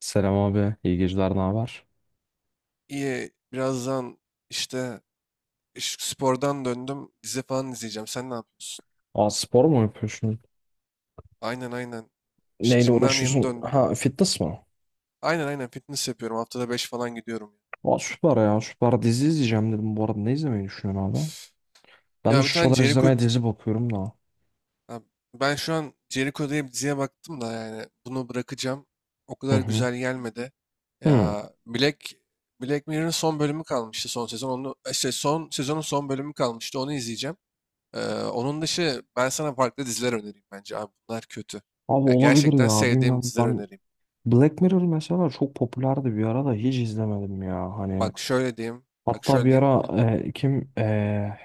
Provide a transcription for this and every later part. Selam abi. İyi geceler. Ne haber? İyi, birazdan işte spordan döndüm. Dizi falan izleyeceğim. Sen ne yapıyorsun? Aa spor mu yapıyorsun? Aynen aynen. İşte Neyle jimden yeni uğraşıyorsun? döndüm. Ha fitness mı? Aynen aynen fitness yapıyorum. Haftada 5 falan gidiyorum yani. Aa süper ya. Süper dizi izleyeceğim dedim. Bu arada ne izlemeyi düşünüyorsun abi? Ben de Ya bir şu tane sıralar Jericho. izlemeye dizi bakıyorum da. Ha, ben şu an Jericho diye bir diziye baktım da yani bunu bırakacağım. O Hı kadar hı. güzel gelmedi. Hı. Ya Black, Black Mirror'ın son bölümü kalmıştı son sezon. Onu, işte son sezonun son bölümü kalmıştı. Onu izleyeceğim. Onun dışı ben sana farklı diziler önereyim bence abi bunlar kötü. Abi Yani olabilir gerçekten ya. sevdiğim Bilmem diziler ben önereyim. Black Mirror mesela çok popülerdi bir ara da hiç izlemedim ya. Hani Bak şöyle diyeyim, bak hatta şöyle bir diyeyim. Ara kim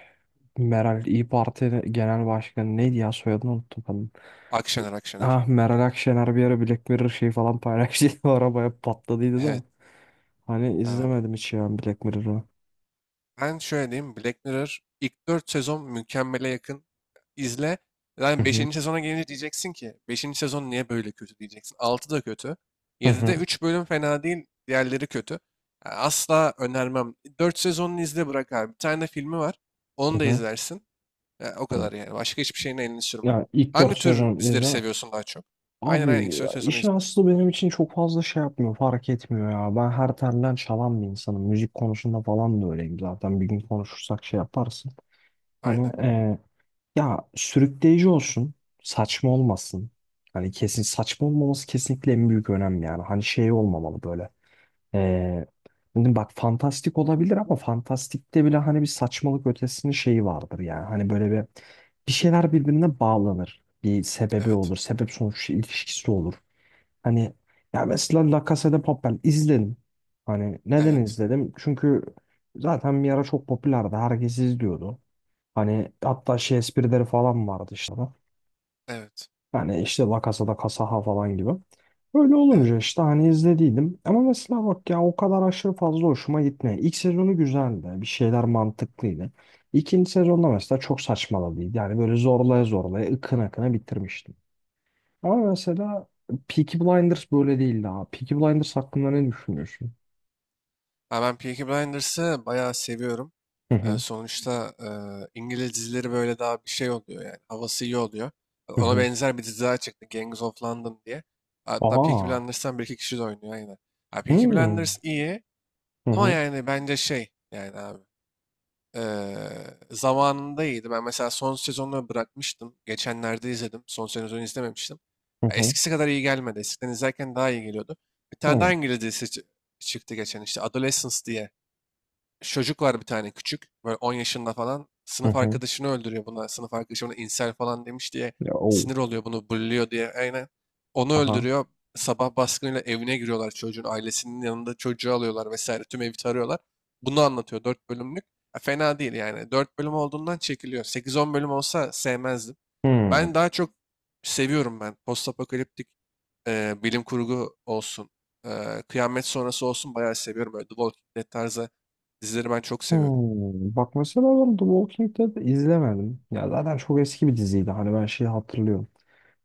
Meral İYİ Parti Genel Başkanı neydi ya soyadını unuttum. Akşener, Akşener. Ah Meral Akşener bir ara Black Mirror şey falan paylaştıydı. O arabaya patladıydı da. Evet. Hani e, izlemedim hiç ya Black Mirror'ı. Ben şöyle diyeyim Black Mirror ilk 4 sezon mükemmele yakın. İzle. Hı Yani hı. beşinci sezona gelince diyeceksin ki beşinci sezon niye böyle kötü diyeceksin. 6 da kötü. Hı 7'de hı. 3 bölüm fena değil. Diğerleri kötü. Yani asla önermem. 4 sezonunu izle bırak abi. Bir tane de filmi var. Hı Onu da hı. izlersin. E o Hı. kadar yani. Başka hiçbir şeyin elini sürme. Ya ilk Hangi 4 tür sezon dizileri izle. seviyorsun daha çok? Aynen aynen. Abi İlk ya sezonu işin izle. aslı benim için çok fazla şey yapmıyor, fark etmiyor ya. Ben her telden çalan bir insanım. Müzik konusunda falan da öyleyim zaten. Bir gün konuşursak şey yaparsın. Hani Aynen. Ya sürükleyici olsun, saçma olmasın. Hani kesin saçma olmaması kesinlikle en büyük önem yani. Hani şey olmamalı böyle. Ee, Dedim bak fantastik olabilir ama fantastikte bile hani bir saçmalık ötesinin şeyi vardır yani. Hani böyle bir şeyler birbirine bağlanır. Bir sebebi Evet. olur. Sebep sonuç ilişkisi olur. Hani ya mesela La Casa de Papel izledim. Hani neden Evet. izledim? Çünkü zaten bir ara çok popülerdi. Herkes izliyordu. Hani hatta şey esprileri falan vardı işte hani, Evet. hani işte La Casa de Casaha falan gibi. Evet. Öyle olunca işte hani izlediydim. Ama mesela bak ya o kadar aşırı fazla hoşuma gitmiyor. İlk sezonu güzeldi. Bir şeyler mantıklıydı. İkinci sezonda mesela çok saçmaladıydı. Yani böyle zorlaya zorlaya ıkına ıkına bitirmiştim. Ama mesela Peaky Blinders böyle değildi abi. Peaky Blinders hakkında ne düşünüyorsun? Ha, ben Peaky Blinders'ı bayağı seviyorum. Hı hı. Sonuçta İngiliz dizileri böyle daha bir şey oluyor yani. Havası iyi oluyor. Hı Ona hı. benzer bir dizi daha çıktı. Gangs of London diye. Hatta Peaky Aa. Blinders'tan bir iki kişi de oynuyor aynen. Ha, Peaky Hmm. Blinders iyi Hı ama hı. yani bence şey yani abi. Eee, Zamanında iyiydi. Ben mesela son sezonunu bırakmıştım. Geçenlerde izledim. Son sezonu izlememiştim. Hı Ya hı. eskisi kadar iyi gelmedi. Eskiden izlerken daha iyi geliyordu. Bir Hı tane daha hı. İngiliz dizisi çıktı geçen işte. Adolescence diye çocuk var bir tane küçük. Böyle 10 yaşında falan. Hı Sınıf hı. arkadaşını öldürüyor buna. Sınıf arkadaşı ona insel falan demiş diye Ya, o. sinir oluyor bunu bulluyor diye. Aynen. Onu Aha. öldürüyor. Sabah baskınıyla evine giriyorlar çocuğun. Ailesinin yanında çocuğu alıyorlar vesaire. Tüm evi tarıyorlar. Bunu anlatıyor 4 bölümlük. Ya fena değil yani. Dört bölüm olduğundan çekiliyor. Sekiz on bölüm olsa sevmezdim. Hı. Ben daha çok seviyorum ben. Postapokaliptik bilim kurgu olsun, kıyamet sonrası olsun bayağı seviyorum. Böyle The Walking Dead tarzı dizileri ben çok seviyorum. Bak mesela ben The Walking Dead'i izlemedim. Ya zaten çok eski bir diziydi. Hani ben şeyi hatırlıyorum.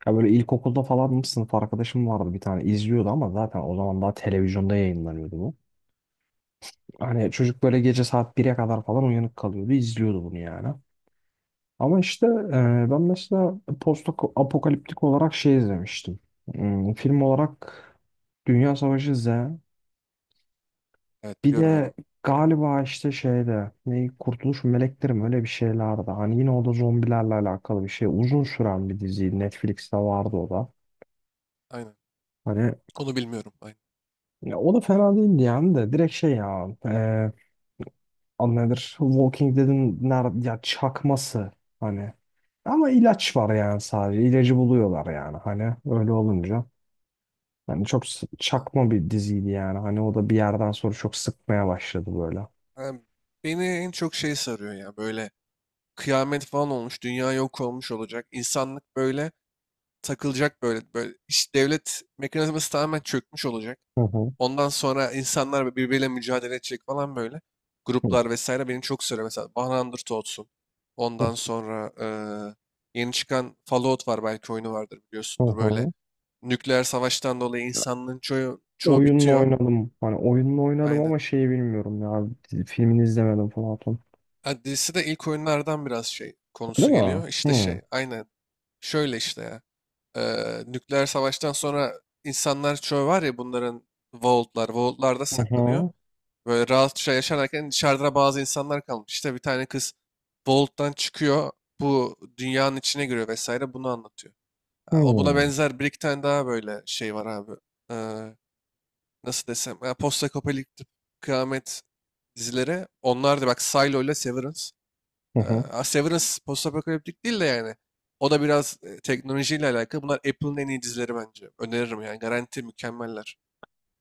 Ya böyle ilkokulda falan mı sınıf arkadaşım vardı bir tane izliyordu ama zaten o zaman daha televizyonda yayınlanıyordu bu. Hani çocuk böyle gece saat 1'e kadar falan uyanık kalıyordu izliyordu bunu yani. Ama işte ben mesela post apokaliptik olarak şey izlemiştim. Film olarak Dünya Savaşı Z. Evet Bir biliyorum de onu. galiba işte şeyde ne Kurtuluş Melekleri mi öyle bir şeylerdi. Hani yine o da zombilerle alakalı bir şey. Uzun süren bir diziydi, Netflix'te vardı o da. Aynen. Hani Onu bilmiyorum. Aynen. ya o da fena değildi yani de direkt şey ya adı nedir? Walking Dead'in nerede ya çakması hani. Ama ilaç var yani sadece. İlacı buluyorlar yani hani öyle olunca. Yani çok s- Ha. çakma bir diziydi yani. Hani o da bir yerden sonra çok sıkmaya başladı böyle. Ben- Beni en çok şey sarıyor ya böyle kıyamet falan olmuş, dünya yok olmuş olacak. İnsanlık böyle takılacak böyle. Böyle iş devlet mekanizması tamamen çökmüş olacak. Hı hı. Ondan sonra insanlar birbiriyle mücadele edecek falan böyle. Hı Gruplar vesaire beni çok sarıyor. Mesela 100 olsun. Ondan sonra yeni çıkan Fallout var belki oyunu vardır hı. biliyorsundur. Böyle Hı. nükleer savaştan dolayı Hı. insanlığın çoğu Oyununu bitiyor. oynadım. Hani oyununu oynadım Aynen. ama şeyi bilmiyorum ya. Filmini izlemedim Platon. Adresi de ilk oyunlardan biraz şey Öyle konusu mi? geliyor. İşte Hı. şey aynen. Şöyle işte ya. Nükleer savaştan sonra insanlar çoğu var ya bunların vaultlar. Vaultlarda Hı saklanıyor. hı. Böyle rahatça yaşarken dışarıda bazı insanlar kalmış. İşte bir tane kız Bolt'tan çıkıyor. Bu dünyanın içine giriyor vesaire bunu anlatıyor. Ha, o buna Hı. benzer bir iki tane daha böyle şey var abi. Ee, Nasıl desem? Ya, postapokaliptik kıyamet dizileri. Onlar da bak Silo ile Severance. Hı hı. Ha, Severance postapokaliptik değil de yani. O da biraz teknolojiyle alakalı. Bunlar Apple'ın en iyi dizileri bence. Öneririm yani. Garanti mükemmeller.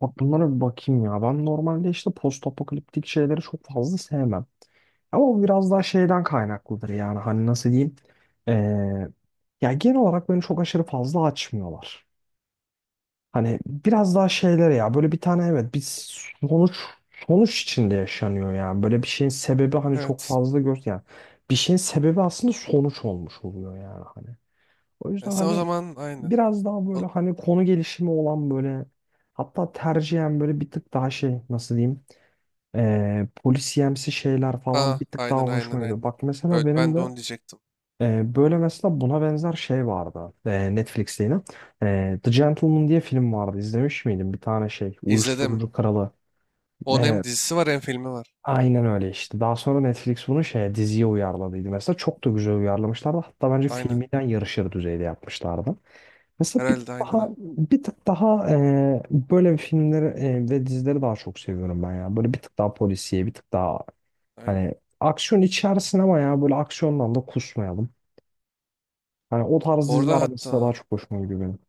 Bak bunlara bir bakayım ya. Ben normalde işte post apokaliptik şeyleri çok fazla sevmem. Ama bu biraz daha şeyden kaynaklıdır yani. Hani nasıl diyeyim? Ee, ya genel olarak beni çok aşırı fazla açmıyorlar. Hani biraz daha şeyler ya böyle bir tane evet bir sonuç sonuç içinde yaşanıyor yani. Böyle bir şeyin sebebi hani çok Evet. fazla gör yani. Bir şeyin sebebi aslında sonuç olmuş oluyor yani hani. O E, yüzden sen o hani zaman aynı. biraz daha böyle O- hani konu gelişimi olan böyle hatta tercihen böyle bir tık daha şey nasıl diyeyim polisiyemsi şeyler falan Ha, bir tık daha aynen aynen hoşuma aynen. gidiyor. Bak mesela Öyle, benim ben de de onu diyecektim. Böyle mesela buna benzer şey vardı. Netflix'te yine. The Gentleman diye film vardı. İzlemiş miydin? Bir tane şey. İzledim. Uyuşturucu kralı. Onun hem Evet. dizisi var hem filmi var. Aynen öyle işte. Daha sonra Netflix bunu şeye diziye uyarladıydı. Mesela çok da güzel uyarlamışlardı. Hatta bence Aynen. filminden yarışır düzeyde yapmışlardı. Mesela bir tık Herhalde aynen. daha Ha, bir tık daha böyle bir filmleri ve dizileri daha çok seviyorum ben ya. Böyle bir tık daha polisiye, bir tık daha aynen. hani aksiyon içersin ama ya böyle aksiyondan da kusmayalım. Hani o tarz Orada diziler mesela daha hatta çok hoşuma gidiyor benim.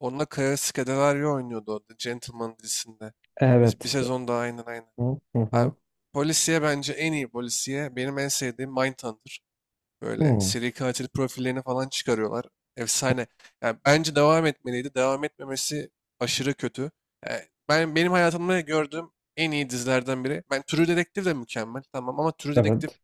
onunla Kaya Scodelario oynuyordu orada Gentleman dizisinde. Biz bir Evet. sezon daha aynen aynen. Hı hı. Abi, Hı. polisiye bence en iyi polisiye benim en sevdiğim Mindhunter. Böyle Hı. seri katil profillerini falan çıkarıyorlar. Efsane. Yani bence devam etmeliydi. Devam etmemesi aşırı kötü. Yani ben benim hayatımda gördüğüm en iyi dizilerden biri. Ben True Detective de mükemmel. Tamam ama True Detective Evet.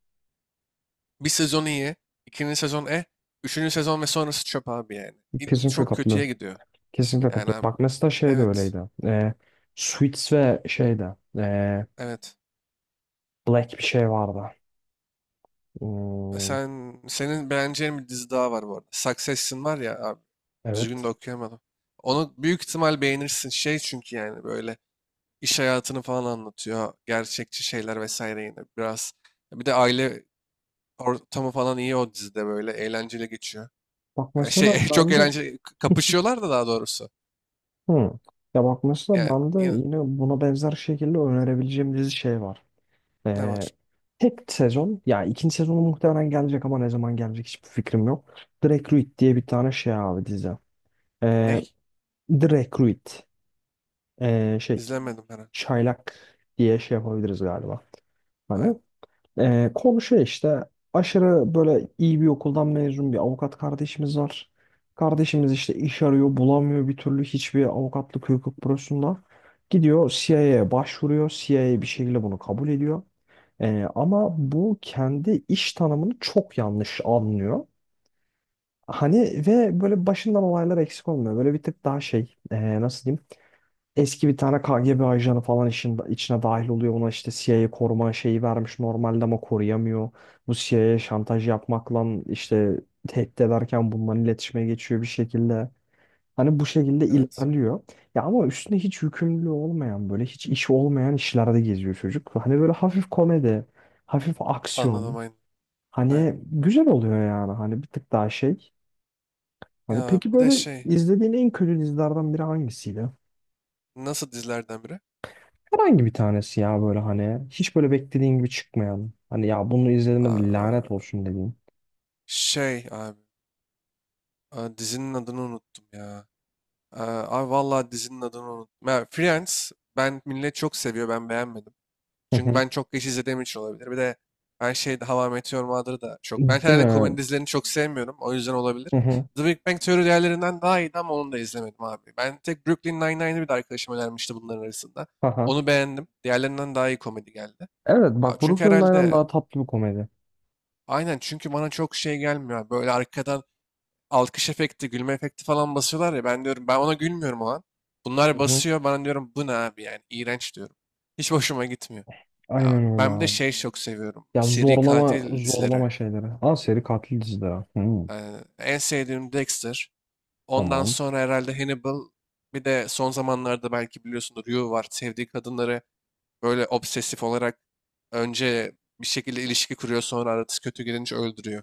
bir sezon iyi, ikinci sezon eh, üçüncü sezon ve sonrası çöp abi yani. İlk Kesinlikle çok kötüye katılıyorum. gidiyor. Kesinlikle Yani katılıyorum. abi, Bak mesela şey de evet, öyleydi. Suits ve şey de evet. Black bir şey vardı. E, Hmm, sen senin beğeneceğin bir dizi daha var bu arada. Succession var ya abi. Düzgün de evet. okuyamadım. Onu büyük ihtimal beğenirsin. Şey çünkü yani böyle iş hayatını falan anlatıyor. Gerçekçi şeyler vesaire yine biraz. Bir de aile ortamı falan iyi o dizide böyle eğlenceli geçiyor. Bak mesela Şey çok ben de eğlenceli kapışıyorlar da daha doğrusu. hı. Ya bak mesela Yani ben de yine buna benzer şekilde önerebileceğim dizi şey var. ne Ee, var? tek sezon ya ikinci sezonu muhtemelen gelecek ama ne zaman gelecek hiçbir fikrim yok. Drake Reed diye bir tane şey abi dizi. Ee, Ney? The Recruit. Şey İzlemedim herhalde. çaylak diye şey yapabiliriz galiba. Hani Aynen. Konu şey işte aşırı böyle iyi bir okuldan mezun bir avukat kardeşimiz var. Kardeşimiz işte iş arıyor bulamıyor bir türlü hiçbir avukatlık hukuk bürosunda. Gidiyor CIA'ya başvuruyor. CIA bir şekilde bunu kabul ediyor. Ama bu kendi iş tanımını çok yanlış anlıyor. Hani ve böyle başından olaylar eksik olmuyor. Böyle bir tık daha şey nasıl diyeyim? Eski bir tane KGB ajanı falan işin, içine dahil oluyor. Ona işte CIA koruma şeyi vermiş normalde ama koruyamıyor. Bu CIA'ya şantaj yapmakla işte tehdit ederken bunların iletişime geçiyor bir şekilde. Hani bu şekilde Evet. ilerliyor. Ya ama üstüne hiç yükümlülüğü olmayan böyle hiç işi olmayan işlerde geziyor çocuk. Hani böyle hafif komedi, hafif Anladım aksiyon. aynen. Aynen. Hani güzel oluyor yani hani bir tık daha şey. Hani Ya peki bir de böyle şey izlediğin en kötü dizilerden biri hangisiydi? nasıl dizilerden biri? Herhangi bir tanesi ya böyle hani hiç böyle beklediğin gibi çıkmayan. Hani ya bunu izledim de lanet Aa, olsun dediğin. şey abi. Aa, dizinin adını unuttum ya. Aa, abi vallahi dizinin adını unuttum. Ya, Friends ben millet çok seviyor ben beğenmedim. Hı Çünkü hı. ben çok geç izlediğim için olabilir. Bir de her şey Hava Meteor Mother'ı da çok. Ben Değil herhalde mi? komedi dizilerini çok sevmiyorum. O yüzden olabilir. Hı hı. The Big Bang Theory diğerlerinden daha iyiydi ama onu da izlemedim abi. Ben tek Brooklyn Nine-Nine'ı bir de arkadaşım önermişti bunların arasında. Haha. Onu beğendim. Diğerlerinden daha iyi komedi geldi. Evet Ya bak çünkü Brooklyn Nine-Nine herhalde daha tatlı bir komedi. aynen çünkü bana çok şey gelmiyor. Böyle arkadan alkış efekti, gülme efekti falan basıyorlar ya. Ben diyorum ben ona gülmüyorum o an. Hı Bunlar hı. basıyor. Bana diyorum bu ne abi yani iğrenç diyorum. Hiç hoşuma gitmiyor. Ya Aynen öyle ben bir de abi. şey çok seviyorum. Ya Seri zorlama katil dizileri. zorlama şeyleri. Aa seri katil dizileri. Hı, Yani en sevdiğim Dexter. Ondan tamam. sonra herhalde Hannibal. Bir de son zamanlarda belki biliyorsunuz You var. Sevdiği kadınları böyle obsesif olarak önce bir şekilde ilişki kuruyor sonra arası kötü gidince öldürüyor.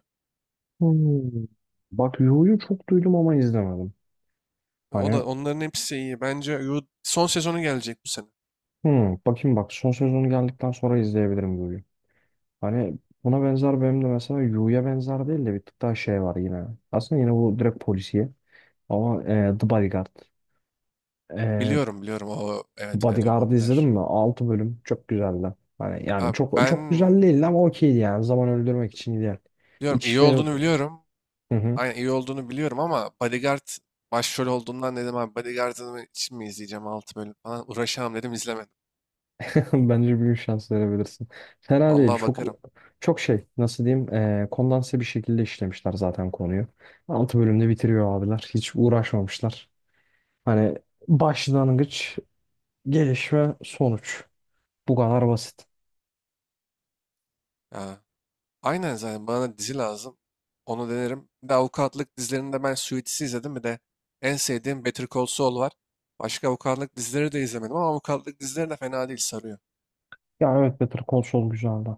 Hı. Bak Yu'yu çok duydum ama izlemedim. O Hani da onların hepsi iyi. Bence You son sezonu gelecek bu sene. hı, bakayım bak son sezonu geldikten sonra izleyebilirim Yu'yu. Hani buna benzer benim de mesela Yu'ya benzer değil de bir tık daha şey var yine. Aslında yine bu direkt polisiye ama The Bodyguard. E, Biliyorum biliyorum o The evet evet o Bodyguard'ı izledin popüler. mi? Altı bölüm çok güzeldi. Hani yani Abi çok ben çok güzel değildi ama okeydi yani. Zaman öldürmek için ideal. biliyorum iyi İçişleri. olduğunu biliyorum. Hı hı. Aynen iyi olduğunu biliyorum ama Bodyguard başrol olduğundan dedim abi Bodyguard'ını için mi izleyeceğim 6 bölüm falan uğraşamam dedim izlemedim. Bence bir gün şans verebilirsin. Fena değil. Vallahi Çok bakarım. çok şey nasıl diyeyim kondanse bir şekilde işlemişler zaten konuyu. Altı bölümde bitiriyor abiler. Hiç uğraşmamışlar. Hani başlangıç, gelişme, sonuç. Bu kadar basit. Ya, aynen zaten bana dizi lazım. Onu denerim. Bir de avukatlık dizilerinde ben Suits'i izledim. Bir de en sevdiğim Better Call Saul var. Başka avukatlık dizileri de izlemedim ama avukatlık dizileri de fena değil sarıyor. Ya evet Better Call Saul güzeldi.